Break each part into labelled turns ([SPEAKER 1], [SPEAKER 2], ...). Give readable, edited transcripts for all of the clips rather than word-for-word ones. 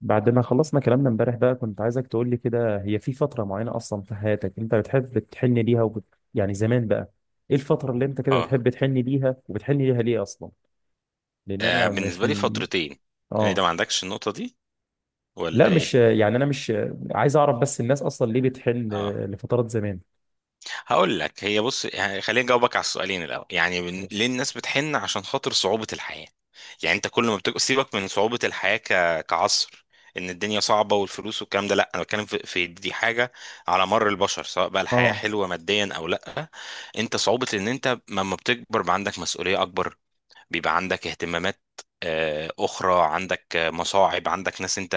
[SPEAKER 1] بعد ما خلصنا كلامنا امبارح بقى، كنت عايزك تقول لي كده، هي في فترة معينة أصلا في حياتك أنت بتحب تحن ليها يعني زمان بقى، إيه الفترة اللي أنت كده
[SPEAKER 2] اه.
[SPEAKER 1] بتحب تحن ليها وبتحن ليها ليه أصلا؟ لأن أنا مش
[SPEAKER 2] بالنسبة لي فترتين. يعني ده ما
[SPEAKER 1] آه،
[SPEAKER 2] عندكش النقطة دي
[SPEAKER 1] لا
[SPEAKER 2] ولا ايه؟
[SPEAKER 1] مش يعني، أنا مش عايز أعرف بس الناس أصلا ليه بتحن
[SPEAKER 2] اه
[SPEAKER 1] لفترات زمان.
[SPEAKER 2] هقول لك، هي بص، يعني خليني اجاوبك على السؤالين. الاول، يعني ليه
[SPEAKER 1] ماشي.
[SPEAKER 2] الناس بتحن؟ عشان خاطر صعوبة الحياة. يعني انت كل ما بتبقى سيبك من صعوبة الحياة، كعصر، ان الدنيا صعبة والفلوس والكلام ده. لا، انا بتكلم في دي حاجة على مر البشر، سواء بقى الحياة
[SPEAKER 1] اه.
[SPEAKER 2] حلوة ماديا او لا. انت صعوبة ان انت لما بتكبر بقى عندك مسؤولية اكبر، بيبقى عندك اهتمامات اخرى، عندك مصاعب، عندك ناس انت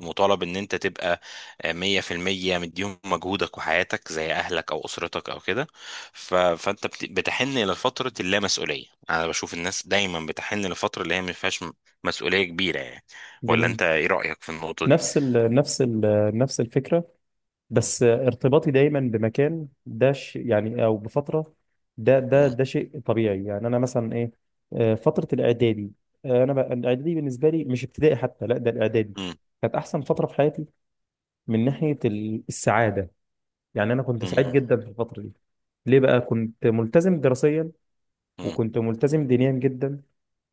[SPEAKER 2] مطالب ان انت تبقى 100% مديهم مجهودك وحياتك، زي اهلك او اسرتك او كده. فانت بتحن الى فترة اللامسؤولية. انا بشوف الناس دايما بتحن لفترة اللي هي ما فيهاش مسؤولية كبيرة يعني. ولا
[SPEAKER 1] جميل.
[SPEAKER 2] انت ايه رأيك في النقطة دي؟
[SPEAKER 1] نفس ال... نفس ال... نفس الفكرة،
[SPEAKER 2] مم.
[SPEAKER 1] بس ارتباطي دايما بمكان ده يعني او بفتره، ده ده
[SPEAKER 2] مم.
[SPEAKER 1] ده شيء طبيعي، يعني انا مثلا ايه، فتره الاعدادي. انا بقى الاعدادي بالنسبه لي، مش ابتدائي حتى، لا ده الاعدادي
[SPEAKER 2] مم.
[SPEAKER 1] كانت احسن فتره في حياتي، من ناحيه السعاده. يعني انا كنت سعيد
[SPEAKER 2] مم.
[SPEAKER 1] جدا في الفتره دي. ليه بقى؟ كنت ملتزم دراسيا
[SPEAKER 2] مم.
[SPEAKER 1] وكنت ملتزم دينيا جدا.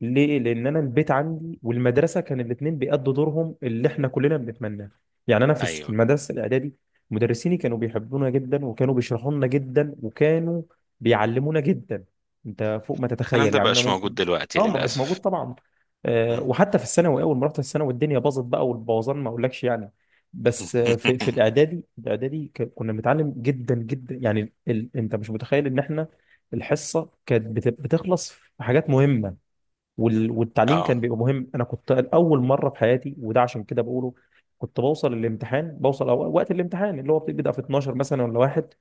[SPEAKER 1] ليه؟ لأن أنا البيت عندي والمدرسة كان الاتنين بيأدوا دورهم اللي إحنا كلنا بنتمناه. يعني أنا في في
[SPEAKER 2] ايوه،
[SPEAKER 1] المدرسة الإعدادي، مدرسيني كانوا بيحبونا جدا، وكانوا بيشرحوا لنا جدا، وكانوا بيعلمونا جدا، أنت فوق ما
[SPEAKER 2] الكلام
[SPEAKER 1] تتخيل.
[SPEAKER 2] ده
[SPEAKER 1] يعني أنا
[SPEAKER 2] بقاش موجود
[SPEAKER 1] ممكن،
[SPEAKER 2] دلوقتي
[SPEAKER 1] أه ما بقاش موجود
[SPEAKER 2] للأسف.
[SPEAKER 1] طبعا. أه،
[SPEAKER 2] مم.
[SPEAKER 1] وحتى في الثانوي أول ما رحت الثانوي الدنيا باظت بقى، والبوظان ما أقولكش يعني. بس في الإعدادي، الإعدادي كنا بنتعلم جدا جدا، يعني أنت مش متخيل إن إحنا الحصه كانت بتخلص في حاجات مهمه، والتعليم كان
[SPEAKER 2] اه،
[SPEAKER 1] بيبقى مهم. انا كنت اول مره في حياتي، وده عشان كده بقوله، كنت بوصل الامتحان، بوصل أو وقت الامتحان اللي هو بيبدا في 12 مثلا ولا واحد،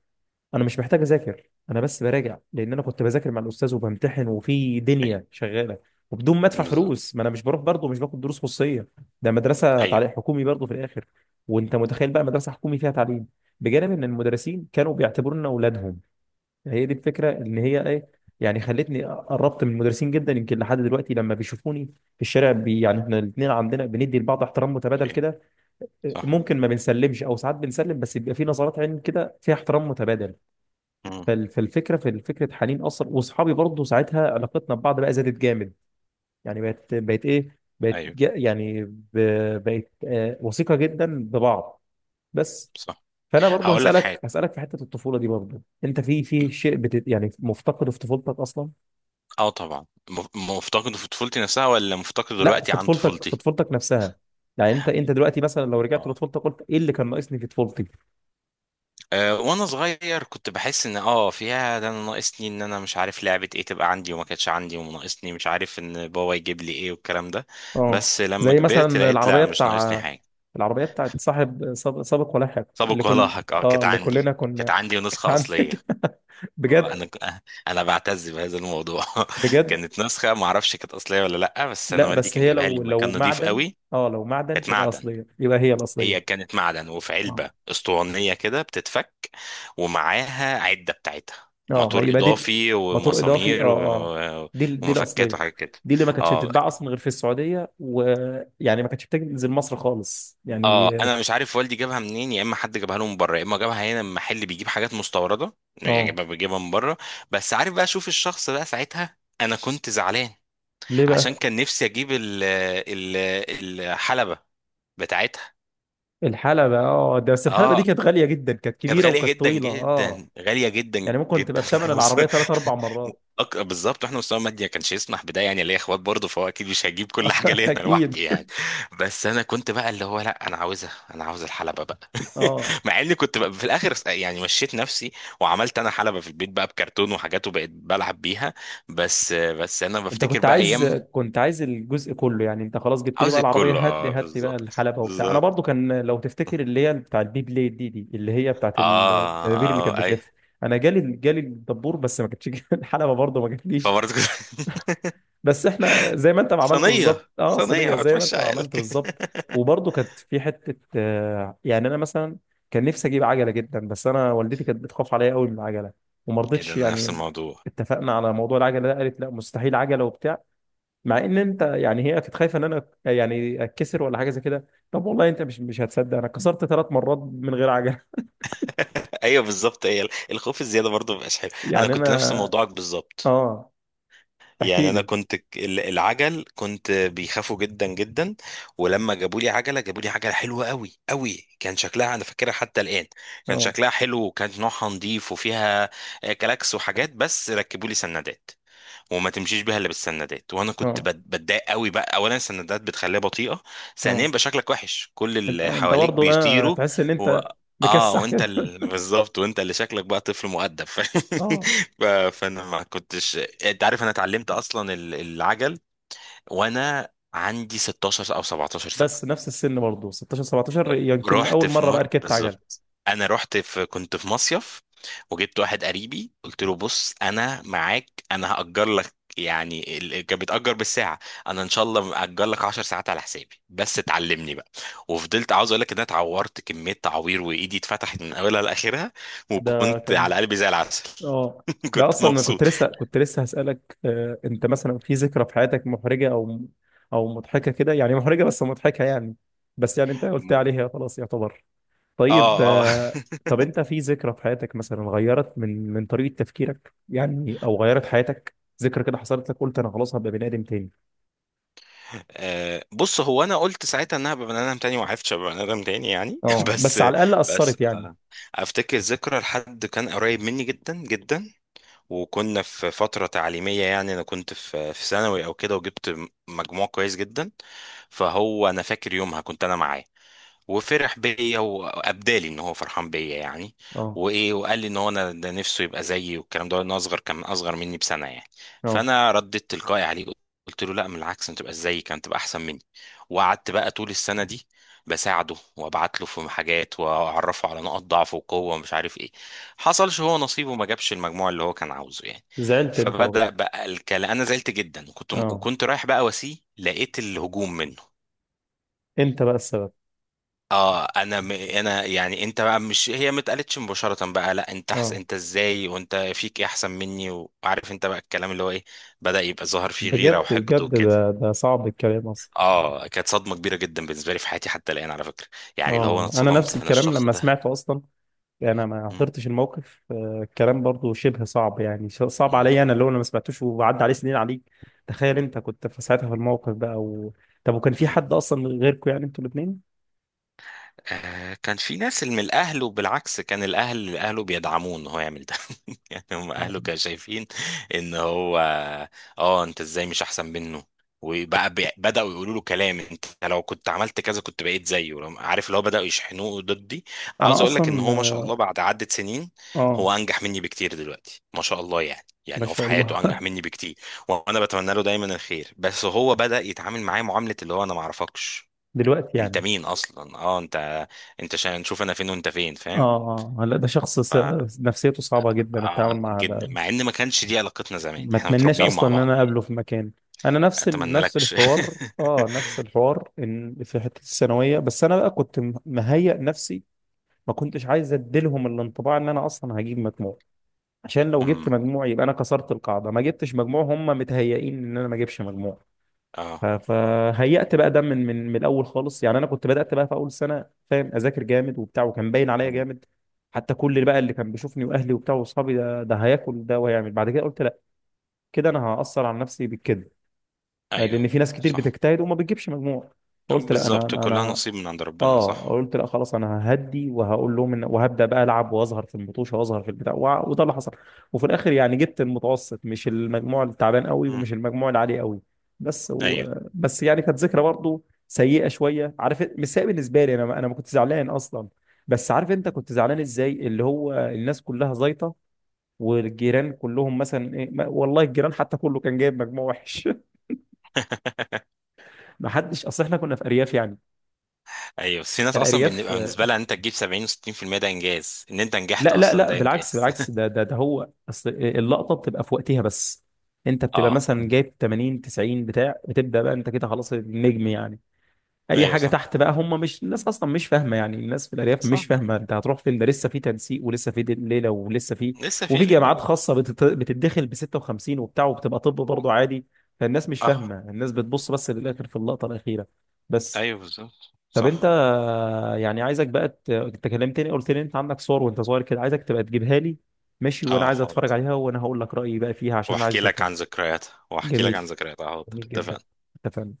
[SPEAKER 1] انا مش محتاج اذاكر، انا بس براجع، لان انا كنت بذاكر مع الاستاذ وبمتحن وفي
[SPEAKER 2] ايوه،
[SPEAKER 1] دنيا شغاله، وبدون ما ادفع
[SPEAKER 2] بالظبط،
[SPEAKER 1] فلوس، ما انا مش بروح برضه، مش باخد دروس خصوصيه. ده مدرسه
[SPEAKER 2] ايوه،
[SPEAKER 1] تعليم حكومي برضه في الاخر. وانت متخيل بقى مدرسه حكومي فيها تعليم، بجانب ان المدرسين كانوا بيعتبرونا اولادهم. هي دي الفكره، ان هي ايه، يعني خلتني قربت من المدرسين جدا، يمكن لحد دلوقتي لما بيشوفوني في الشارع بي يعني، احنا الاثنين عندنا بندي لبعض احترام متبادل
[SPEAKER 2] أوكي.
[SPEAKER 1] كده.
[SPEAKER 2] صح.
[SPEAKER 1] ممكن ما بنسلمش او ساعات بنسلم، بس بيبقى في نظرات عين كده فيها احترام متبادل.
[SPEAKER 2] مم.
[SPEAKER 1] فالفكره في فكره حنين اصلا. واصحابي برضه ساعتها علاقتنا ببعض بقى زادت جامد، يعني بقت ايه، بقت
[SPEAKER 2] ايوه،
[SPEAKER 1] يعني بقت وثيقه جدا ببعض. بس.
[SPEAKER 2] صح.
[SPEAKER 1] فانا برضه
[SPEAKER 2] هقول لك
[SPEAKER 1] هسالك
[SPEAKER 2] حاجة.
[SPEAKER 1] هسالك في حته الطفوله دي برضه، انت في في شيء بت يعني مفتقده في طفولتك اصلا؟
[SPEAKER 2] اه، طبعا. مفتقده في طفولتي نفسها ولا مفتقده
[SPEAKER 1] لا،
[SPEAKER 2] دلوقتي
[SPEAKER 1] في
[SPEAKER 2] عن
[SPEAKER 1] طفولتك، في
[SPEAKER 2] طفولتي؟
[SPEAKER 1] طفولتك نفسها، يعني انت انت دلوقتي مثلا لو رجعت
[SPEAKER 2] اه،
[SPEAKER 1] لطفولتك، قلت ايه اللي كان ناقصني في طفولتي؟
[SPEAKER 2] أه، وانا صغير كنت بحس ان فيها، ده انا ناقصني، ان انا مش عارف لعبة ايه تبقى عندي وما كانتش عندي، وناقصني مش عارف ان بابا يجيب لي ايه والكلام ده.
[SPEAKER 1] اه.
[SPEAKER 2] بس لما
[SPEAKER 1] زي مثلا
[SPEAKER 2] كبرت لقيت لا،
[SPEAKER 1] العربيه
[SPEAKER 2] مش ناقصني
[SPEAKER 1] بتاع،
[SPEAKER 2] حاجة.
[SPEAKER 1] العربيه بتاعت صاحب سابق ولاحق، اللي
[SPEAKER 2] سابق
[SPEAKER 1] كل،
[SPEAKER 2] ولاحق، اه،
[SPEAKER 1] اه
[SPEAKER 2] كانت
[SPEAKER 1] اللي
[SPEAKER 2] عندي
[SPEAKER 1] كلنا
[SPEAKER 2] كانت
[SPEAKER 1] كنا،
[SPEAKER 2] عندي
[SPEAKER 1] كانت
[SPEAKER 2] ونسخة أصلية.
[SPEAKER 1] عندك
[SPEAKER 2] آه،
[SPEAKER 1] بجد
[SPEAKER 2] انا انا بعتز بهذا الموضوع.
[SPEAKER 1] بجد؟
[SPEAKER 2] كانت نسخة ما اعرفش كانت أصلية ولا لا، بس انا
[SPEAKER 1] لا
[SPEAKER 2] والدي
[SPEAKER 1] بس
[SPEAKER 2] كان
[SPEAKER 1] هي
[SPEAKER 2] جايبها لي
[SPEAKER 1] لو
[SPEAKER 2] لما
[SPEAKER 1] لو
[SPEAKER 2] كان نضيف
[SPEAKER 1] معدن،
[SPEAKER 2] قوي.
[SPEAKER 1] اه لو معدن
[SPEAKER 2] كانت
[SPEAKER 1] تبقى
[SPEAKER 2] معدن.
[SPEAKER 1] اصليه، يبقى هي الاصليه.
[SPEAKER 2] هي كانت معدن وفي علبة اسطوانية كده بتتفك، ومعاها عدة بتاعتها،
[SPEAKER 1] اه ما
[SPEAKER 2] موتور
[SPEAKER 1] يبقى دي.
[SPEAKER 2] إضافي
[SPEAKER 1] موتور اضافي، اه
[SPEAKER 2] ومسامير
[SPEAKER 1] اه، دي
[SPEAKER 2] ومفكات
[SPEAKER 1] الاصليه.
[SPEAKER 2] وحاجات كده.
[SPEAKER 1] دي اللي ما كانتش
[SPEAKER 2] اه،
[SPEAKER 1] بتتباع اصلا غير في السعوديه، ويعني ما كانتش بتنزل مصر خالص
[SPEAKER 2] اه،
[SPEAKER 1] يعني.
[SPEAKER 2] انا مش عارف والدي جابها منين، يا اما حد جابها له من بره يا اما جابها هنا من محل بيجيب حاجات مستورده. يعني
[SPEAKER 1] اه.
[SPEAKER 2] جابها، بيجيبها من بره. بس عارف بقى، شوف الشخص بقى ساعتها انا كنت زعلان
[SPEAKER 1] ليه
[SPEAKER 2] عشان
[SPEAKER 1] بقى؟
[SPEAKER 2] كان نفسي اجيب ال الحلبه بتاعتها.
[SPEAKER 1] الحلبه. اه، ده بس الحلبه دي
[SPEAKER 2] اه،
[SPEAKER 1] كانت غاليه جدا، كانت
[SPEAKER 2] كانت
[SPEAKER 1] كبيره
[SPEAKER 2] غالية
[SPEAKER 1] وكانت
[SPEAKER 2] جدا
[SPEAKER 1] طويله اه.
[SPEAKER 2] جدا، غالية جدا
[SPEAKER 1] يعني ممكن تبقى
[SPEAKER 2] جدا.
[SPEAKER 1] بثمن العربيه ثلاث اربع مرات.
[SPEAKER 2] بالظبط، احنا مستوى مادي ما كانش يسمح بده، يعني ليا اخوات برضه، فهو اكيد مش هجيب كل حاجة ليا انا
[SPEAKER 1] اكيد.
[SPEAKER 2] لوحدي يعني. بس انا كنت بقى اللي هو لا، انا عاوزها، انا عاوز الحلبة بقى.
[SPEAKER 1] اه
[SPEAKER 2] مع اني كنت بقى في الاخر يعني مشيت نفسي، وعملت انا حلبة في البيت بقى بكرتون وحاجات وبقيت بلعب بيها. بس انا
[SPEAKER 1] انت
[SPEAKER 2] بفتكر
[SPEAKER 1] كنت
[SPEAKER 2] بقى
[SPEAKER 1] عايز،
[SPEAKER 2] ايام.
[SPEAKER 1] كنت عايز الجزء كله، يعني انت خلاص جبت لي
[SPEAKER 2] عاوز
[SPEAKER 1] بقى العربيه
[SPEAKER 2] كله،
[SPEAKER 1] هات لي،
[SPEAKER 2] اه،
[SPEAKER 1] هات لي بقى
[SPEAKER 2] بالظبط،
[SPEAKER 1] الحلبه وبتاع. انا
[SPEAKER 2] بالظبط.
[SPEAKER 1] برضو كان لو تفتكر اللي هي بتاع البي بليد دي، دي اللي هي بتاعت
[SPEAKER 2] اه،
[SPEAKER 1] ال- الدبابير اللي
[SPEAKER 2] اه،
[SPEAKER 1] كانت
[SPEAKER 2] اي.
[SPEAKER 1] بتلف. انا جالي الدبور، بس ما كانتش الحلبه برضو ما جاتليش.
[SPEAKER 2] فبرضه كده.
[SPEAKER 1] بس احنا زي ما انت ما عملت
[SPEAKER 2] صينية
[SPEAKER 1] بالظبط، اه
[SPEAKER 2] صينية
[SPEAKER 1] صينيه زي ما
[SPEAKER 2] وهتمشي
[SPEAKER 1] انت ما عملت
[SPEAKER 2] عيالك.
[SPEAKER 1] بالظبط. وبرضو كانت في حته يعني انا مثلا كان نفسي اجيب عجله جدا، بس انا والدتي كانت بتخاف عليا قوي من العجله وما
[SPEAKER 2] ايه ده،
[SPEAKER 1] رضتش
[SPEAKER 2] انا نفس
[SPEAKER 1] يعني.
[SPEAKER 2] الموضوع.
[SPEAKER 1] اتفقنا على موضوع العجله ده، قالت لا مستحيل عجله وبتاع، مع ان انت يعني هي كانت خايفه ان انا يعني اتكسر ولا حاجه زي كده. طب والله انت مش هتصدق، انا كسرت 3 مرات من غير عجله.
[SPEAKER 2] ايوه، بالظبط، هي الخوف الزيادة برضه مبقاش حلو. انا
[SPEAKER 1] يعني
[SPEAKER 2] كنت نفس
[SPEAKER 1] انا.
[SPEAKER 2] موضوعك بالظبط.
[SPEAKER 1] اه.
[SPEAKER 2] يعني
[SPEAKER 1] احكي
[SPEAKER 2] انا
[SPEAKER 1] لي.
[SPEAKER 2] كنت العجل كنت بيخافوا جدا جدا. ولما جابوا لي عجلة، جابوا لي عجلة حلوة قوي قوي. كان شكلها انا فاكرها حتى الآن. كان
[SPEAKER 1] اه
[SPEAKER 2] شكلها حلو وكان نوعها نظيف، وفيها كلاكس وحاجات، بس ركبوا لي سندات وما تمشيش بيها الا بالسندات، وانا كنت
[SPEAKER 1] اه
[SPEAKER 2] بتضايق قوي بقى. اولا، السندات بتخليها بطيئه. ثانيا
[SPEAKER 1] اه.
[SPEAKER 2] بقى شكلك وحش، كل
[SPEAKER 1] انت
[SPEAKER 2] اللي
[SPEAKER 1] اه انت
[SPEAKER 2] حواليك
[SPEAKER 1] برضه اه
[SPEAKER 2] بيطيروا.
[SPEAKER 1] تحس ان
[SPEAKER 2] و...
[SPEAKER 1] انت
[SPEAKER 2] اه،
[SPEAKER 1] مكسح كده.
[SPEAKER 2] بالظبط، وانت اللي شكلك بقى طفل مؤدب.
[SPEAKER 1] اه.
[SPEAKER 2] فانا ما كنتش. انت عارف، انا اتعلمت اصلا العجل وانا عندي 16 او 17 سنه.
[SPEAKER 1] بس نفس السن برضه، 16 17 يمكن
[SPEAKER 2] رحت
[SPEAKER 1] اول
[SPEAKER 2] في
[SPEAKER 1] مره بقى
[SPEAKER 2] مر
[SPEAKER 1] ركبت عجل.
[SPEAKER 2] بالظبط. انا رحت في كنت في مصيف، وجبت واحد قريبي، قلت له بص، انا معاك، انا هأجر لك، يعني كان بيتأجر بالساعة. انا ان شاء الله مأجر لك 10 ساعات على حسابي، بس تعلمني بقى. وفضلت، عاوز اقول لك ان انا اتعورت كمية تعوير، وايدي اتفتحت من اولها لاخرها،
[SPEAKER 1] ده
[SPEAKER 2] وكنت على
[SPEAKER 1] كان،
[SPEAKER 2] قلبي زي العسل.
[SPEAKER 1] اه. ده
[SPEAKER 2] كنت
[SPEAKER 1] اصلا انا كنت
[SPEAKER 2] مبسوط.
[SPEAKER 1] لسه، كنت لسه هسألك انت مثلا في ذكرى في حياتك محرجة او، او مضحكة كده، يعني محرجة بس مضحكة يعني. بس يعني انت قلت
[SPEAKER 2] م-
[SPEAKER 1] عليها خلاص يعتبر. طيب
[SPEAKER 2] اه، اه.
[SPEAKER 1] طب انت في ذكرى في حياتك مثلا غيرت من طريقة تفكيرك يعني، او غيرت حياتك، ذكرى كده حصلت لك قلت انا خلاص هبقى بني ادم تاني؟
[SPEAKER 2] بص هو، انا قلت ساعتها انها بني ادم تاني وعرفتش ابقى بني ادم تاني يعني.
[SPEAKER 1] اه،
[SPEAKER 2] بس
[SPEAKER 1] بس على الاقل
[SPEAKER 2] بس
[SPEAKER 1] اثرت يعني.
[SPEAKER 2] افتكر ذكرى لحد كان قريب مني جدا جدا، وكنا في فترة تعليمية، يعني انا كنت في ثانوي او كده، وجبت مجموع كويس جدا. فهو انا فاكر يومها كنت انا معاه، وفرح بيا وابدالي ان هو فرحان بيا يعني.
[SPEAKER 1] اه
[SPEAKER 2] وايه، وقال لي ان هو، انا ده نفسه يبقى زيي والكلام ده. انا اصغر كان اصغر مني بسنه يعني.
[SPEAKER 1] اه.
[SPEAKER 2] فانا رديت تلقائي عليه، قلت له لا، من العكس، انت تبقى زيي كانت تبقى احسن مني. وقعدت بقى طول السنه دي بساعده، وابعت له في حاجات واعرفه على نقط ضعفه وقوه ومش عارف ايه. حصلش، هو نصيبه ما جابش المجموع اللي هو كان عاوزه يعني.
[SPEAKER 1] زعلت انت برضه.
[SPEAKER 2] فبدأ بقى الكلام، انا زعلت جدا، وكنت
[SPEAKER 1] اه
[SPEAKER 2] وكنت رايح بقى واسيه، لقيت الهجوم منه.
[SPEAKER 1] انت بقى السبب.
[SPEAKER 2] اه، انا يعني، انت بقى مش، هي ما اتقالتش مباشره بقى لا، انت
[SPEAKER 1] اه
[SPEAKER 2] انت ازاي وانت فيك ايه احسن مني، وعارف انت بقى الكلام اللي هو ايه. بدأ يبقى ظاهر فيه غيره
[SPEAKER 1] بجد
[SPEAKER 2] وحقد
[SPEAKER 1] بجد،
[SPEAKER 2] وكده.
[SPEAKER 1] ده صعب الكلام اصلا.
[SPEAKER 2] اه، كانت صدمه كبيره جدا بالنسبه لي في حياتي حتى الان على فكره، يعني اللي هو انا
[SPEAKER 1] اه انا
[SPEAKER 2] اتصدمت،
[SPEAKER 1] نفس
[SPEAKER 2] انا
[SPEAKER 1] الكلام
[SPEAKER 2] الشخص
[SPEAKER 1] لما
[SPEAKER 2] ده.
[SPEAKER 1] سمعته اصلا، يعني انا ما
[SPEAKER 2] مم.
[SPEAKER 1] حضرتش الموقف، الكلام برضو شبه صعب يعني، صعب
[SPEAKER 2] مم.
[SPEAKER 1] عليا انا اللي هو انا ما سمعتوش، وعدى عليه سنين عليك. تخيل انت كنت في ساعتها في الموقف بقى طب وكان في
[SPEAKER 2] مم.
[SPEAKER 1] حد اصلا غيركم؟ يعني انتوا الاثنين.
[SPEAKER 2] كان في ناس اللي من اهله، وبالعكس كان اهله بيدعموه ان هو يعمل ده. يعني هم اهله كانوا شايفين ان هو، اه انت ازاي مش احسن منه، وبقى بداوا يقولوا له كلام، انت لو كنت عملت كذا كنت بقيت زيه. عارف، اللي هو بداوا يشحنوه ضدي.
[SPEAKER 1] انا
[SPEAKER 2] عاوز اقول لك ان
[SPEAKER 1] اصلا.
[SPEAKER 2] هو، ما شاء الله، بعد عدة سنين
[SPEAKER 1] اه.
[SPEAKER 2] هو انجح مني بكتير دلوقتي، ما شاء الله يعني
[SPEAKER 1] ما
[SPEAKER 2] يعني هو في
[SPEAKER 1] شاء
[SPEAKER 2] حياته انجح
[SPEAKER 1] الله.
[SPEAKER 2] مني بكتير. وانا بتمنى له دايما الخير، بس هو بدأ يتعامل معايا معاملة اللي هو انا ما اعرفكش،
[SPEAKER 1] دلوقتي
[SPEAKER 2] انت
[SPEAKER 1] يعني.
[SPEAKER 2] مين اصلا، انت عشان نشوف انا فين وانت فين، فاهم؟
[SPEAKER 1] اه اه، لا ده شخص
[SPEAKER 2] ف
[SPEAKER 1] نفسيته صعبة جدا
[SPEAKER 2] آه،
[SPEAKER 1] التعامل معها
[SPEAKER 2] جدا،
[SPEAKER 1] ده.
[SPEAKER 2] مع ان ما كانش دي علاقتنا زمان،
[SPEAKER 1] ما
[SPEAKER 2] احنا
[SPEAKER 1] اتمناش
[SPEAKER 2] متربيين
[SPEAKER 1] اصلا
[SPEAKER 2] مع
[SPEAKER 1] ان
[SPEAKER 2] بعض
[SPEAKER 1] انا
[SPEAKER 2] يعني.
[SPEAKER 1] اقابله في مكان. انا
[SPEAKER 2] اتمنى
[SPEAKER 1] نفس
[SPEAKER 2] لكش.
[SPEAKER 1] الحوار، اه نفس الحوار، ان في حته الثانويه، بس انا بقى كنت مهيئ نفسي. ما كنتش عايز اديلهم الانطباع ان انا اصلا هجيب مجموع، عشان لو جبت
[SPEAKER 2] امم
[SPEAKER 1] مجموع يبقى انا كسرت القاعده. ما جبتش مجموع هم متهيئين ان انا ما اجيبش مجموع.
[SPEAKER 2] اه.
[SPEAKER 1] فهيأت بقى ده من من الاول خالص، يعني انا كنت بدأت بقى في اول سنه، فاهم، اذاكر جامد وبتاع، وكان باين عليا
[SPEAKER 2] مم.
[SPEAKER 1] جامد حتى، كل اللي بقى اللي كان بيشوفني واهلي وبتاع واصحابي، ده هياكل ده وهيعمل بعد كده. قلت كده انا هأثر على نفسي بالكذب،
[SPEAKER 2] ايوه،
[SPEAKER 1] لان في ناس كتير
[SPEAKER 2] صح،
[SPEAKER 1] بتجتهد وما بتجيبش مجموع، فقلت لا انا
[SPEAKER 2] بالظبط كلها
[SPEAKER 1] انا
[SPEAKER 2] نصيب من عند ربنا،
[SPEAKER 1] اه
[SPEAKER 2] صح.
[SPEAKER 1] قلت لا خلاص انا ههدي، وهقول لهم ان، وهبدا بقى العب واظهر في المطوشه واظهر في البتاع وده اللي حصل. وفي الاخر يعني جبت المتوسط، مش المجموع التعبان قوي
[SPEAKER 2] امم
[SPEAKER 1] ومش المجموع العالي قوي. بس
[SPEAKER 2] ايوه.
[SPEAKER 1] بس يعني كانت ذكرى برضو سيئه شويه، عارف إيه؟ مش سيئه بالنسبه لي، انا انا ما كنت زعلان اصلا، بس عارف انت كنت زعلان
[SPEAKER 2] مم.
[SPEAKER 1] ازاي، اللي هو الناس كلها زيطه، والجيران كلهم مثلا ايه والله الجيران حتى كله كان جايب مجموع وحش. ما حدش، اصل احنا كنا في ارياف يعني.
[SPEAKER 2] ايوه، بس في ناس اصلا
[SPEAKER 1] الارياف
[SPEAKER 2] بنبقى بالنسبه لها ان انت تجيب 70 و60% ده انجاز، ان انت نجحت
[SPEAKER 1] لا لا
[SPEAKER 2] اصلا
[SPEAKER 1] لا،
[SPEAKER 2] ده
[SPEAKER 1] بالعكس
[SPEAKER 2] انجاز.
[SPEAKER 1] بالعكس، ده هو اصل إيه، اللقطه بتبقى في وقتها بس. انت بتبقى
[SPEAKER 2] اه،
[SPEAKER 1] مثلا جايب 80 90 بتاع، بتبدا بقى انت كده خلاص النجم يعني. اي
[SPEAKER 2] ايوه،
[SPEAKER 1] حاجه
[SPEAKER 2] صح،
[SPEAKER 1] تحت بقى هم، مش الناس اصلا مش فاهمه، يعني الناس في الارياف
[SPEAKER 2] صح.
[SPEAKER 1] مش فاهمه انت هتروح فين، ده لسه في تنسيق ولسه في ليله ولسه في،
[SPEAKER 2] لسه في
[SPEAKER 1] وفي
[SPEAKER 2] ليله
[SPEAKER 1] جامعات خاصه بتتدخل ب 56 وبتاع وبتبقى طب برضه عادي. فالناس مش
[SPEAKER 2] اه،
[SPEAKER 1] فاهمه، الناس بتبص بس للاخر في اللقطه الاخيره. بس.
[SPEAKER 2] ايوه، بالظبط،
[SPEAKER 1] طب انت،
[SPEAKER 2] صح.
[SPEAKER 1] يعني عايزك بقى انت كلمتني قلت لي انت عندك صور وانت صغير كده، عايزك تبقى تجيبها لي، ماشي، وانا
[SPEAKER 2] اه،
[SPEAKER 1] عايز اتفرج عليها وانا هقول لك رايي بقى فيها، عشان انا عايز
[SPEAKER 2] واحكي لك
[SPEAKER 1] اشوفها.
[SPEAKER 2] عن ذكرياتها،
[SPEAKER 1] جميل.
[SPEAKER 2] حاضر،
[SPEAKER 1] جميل جدا.
[SPEAKER 2] اتفقنا.
[SPEAKER 1] اتفقنا.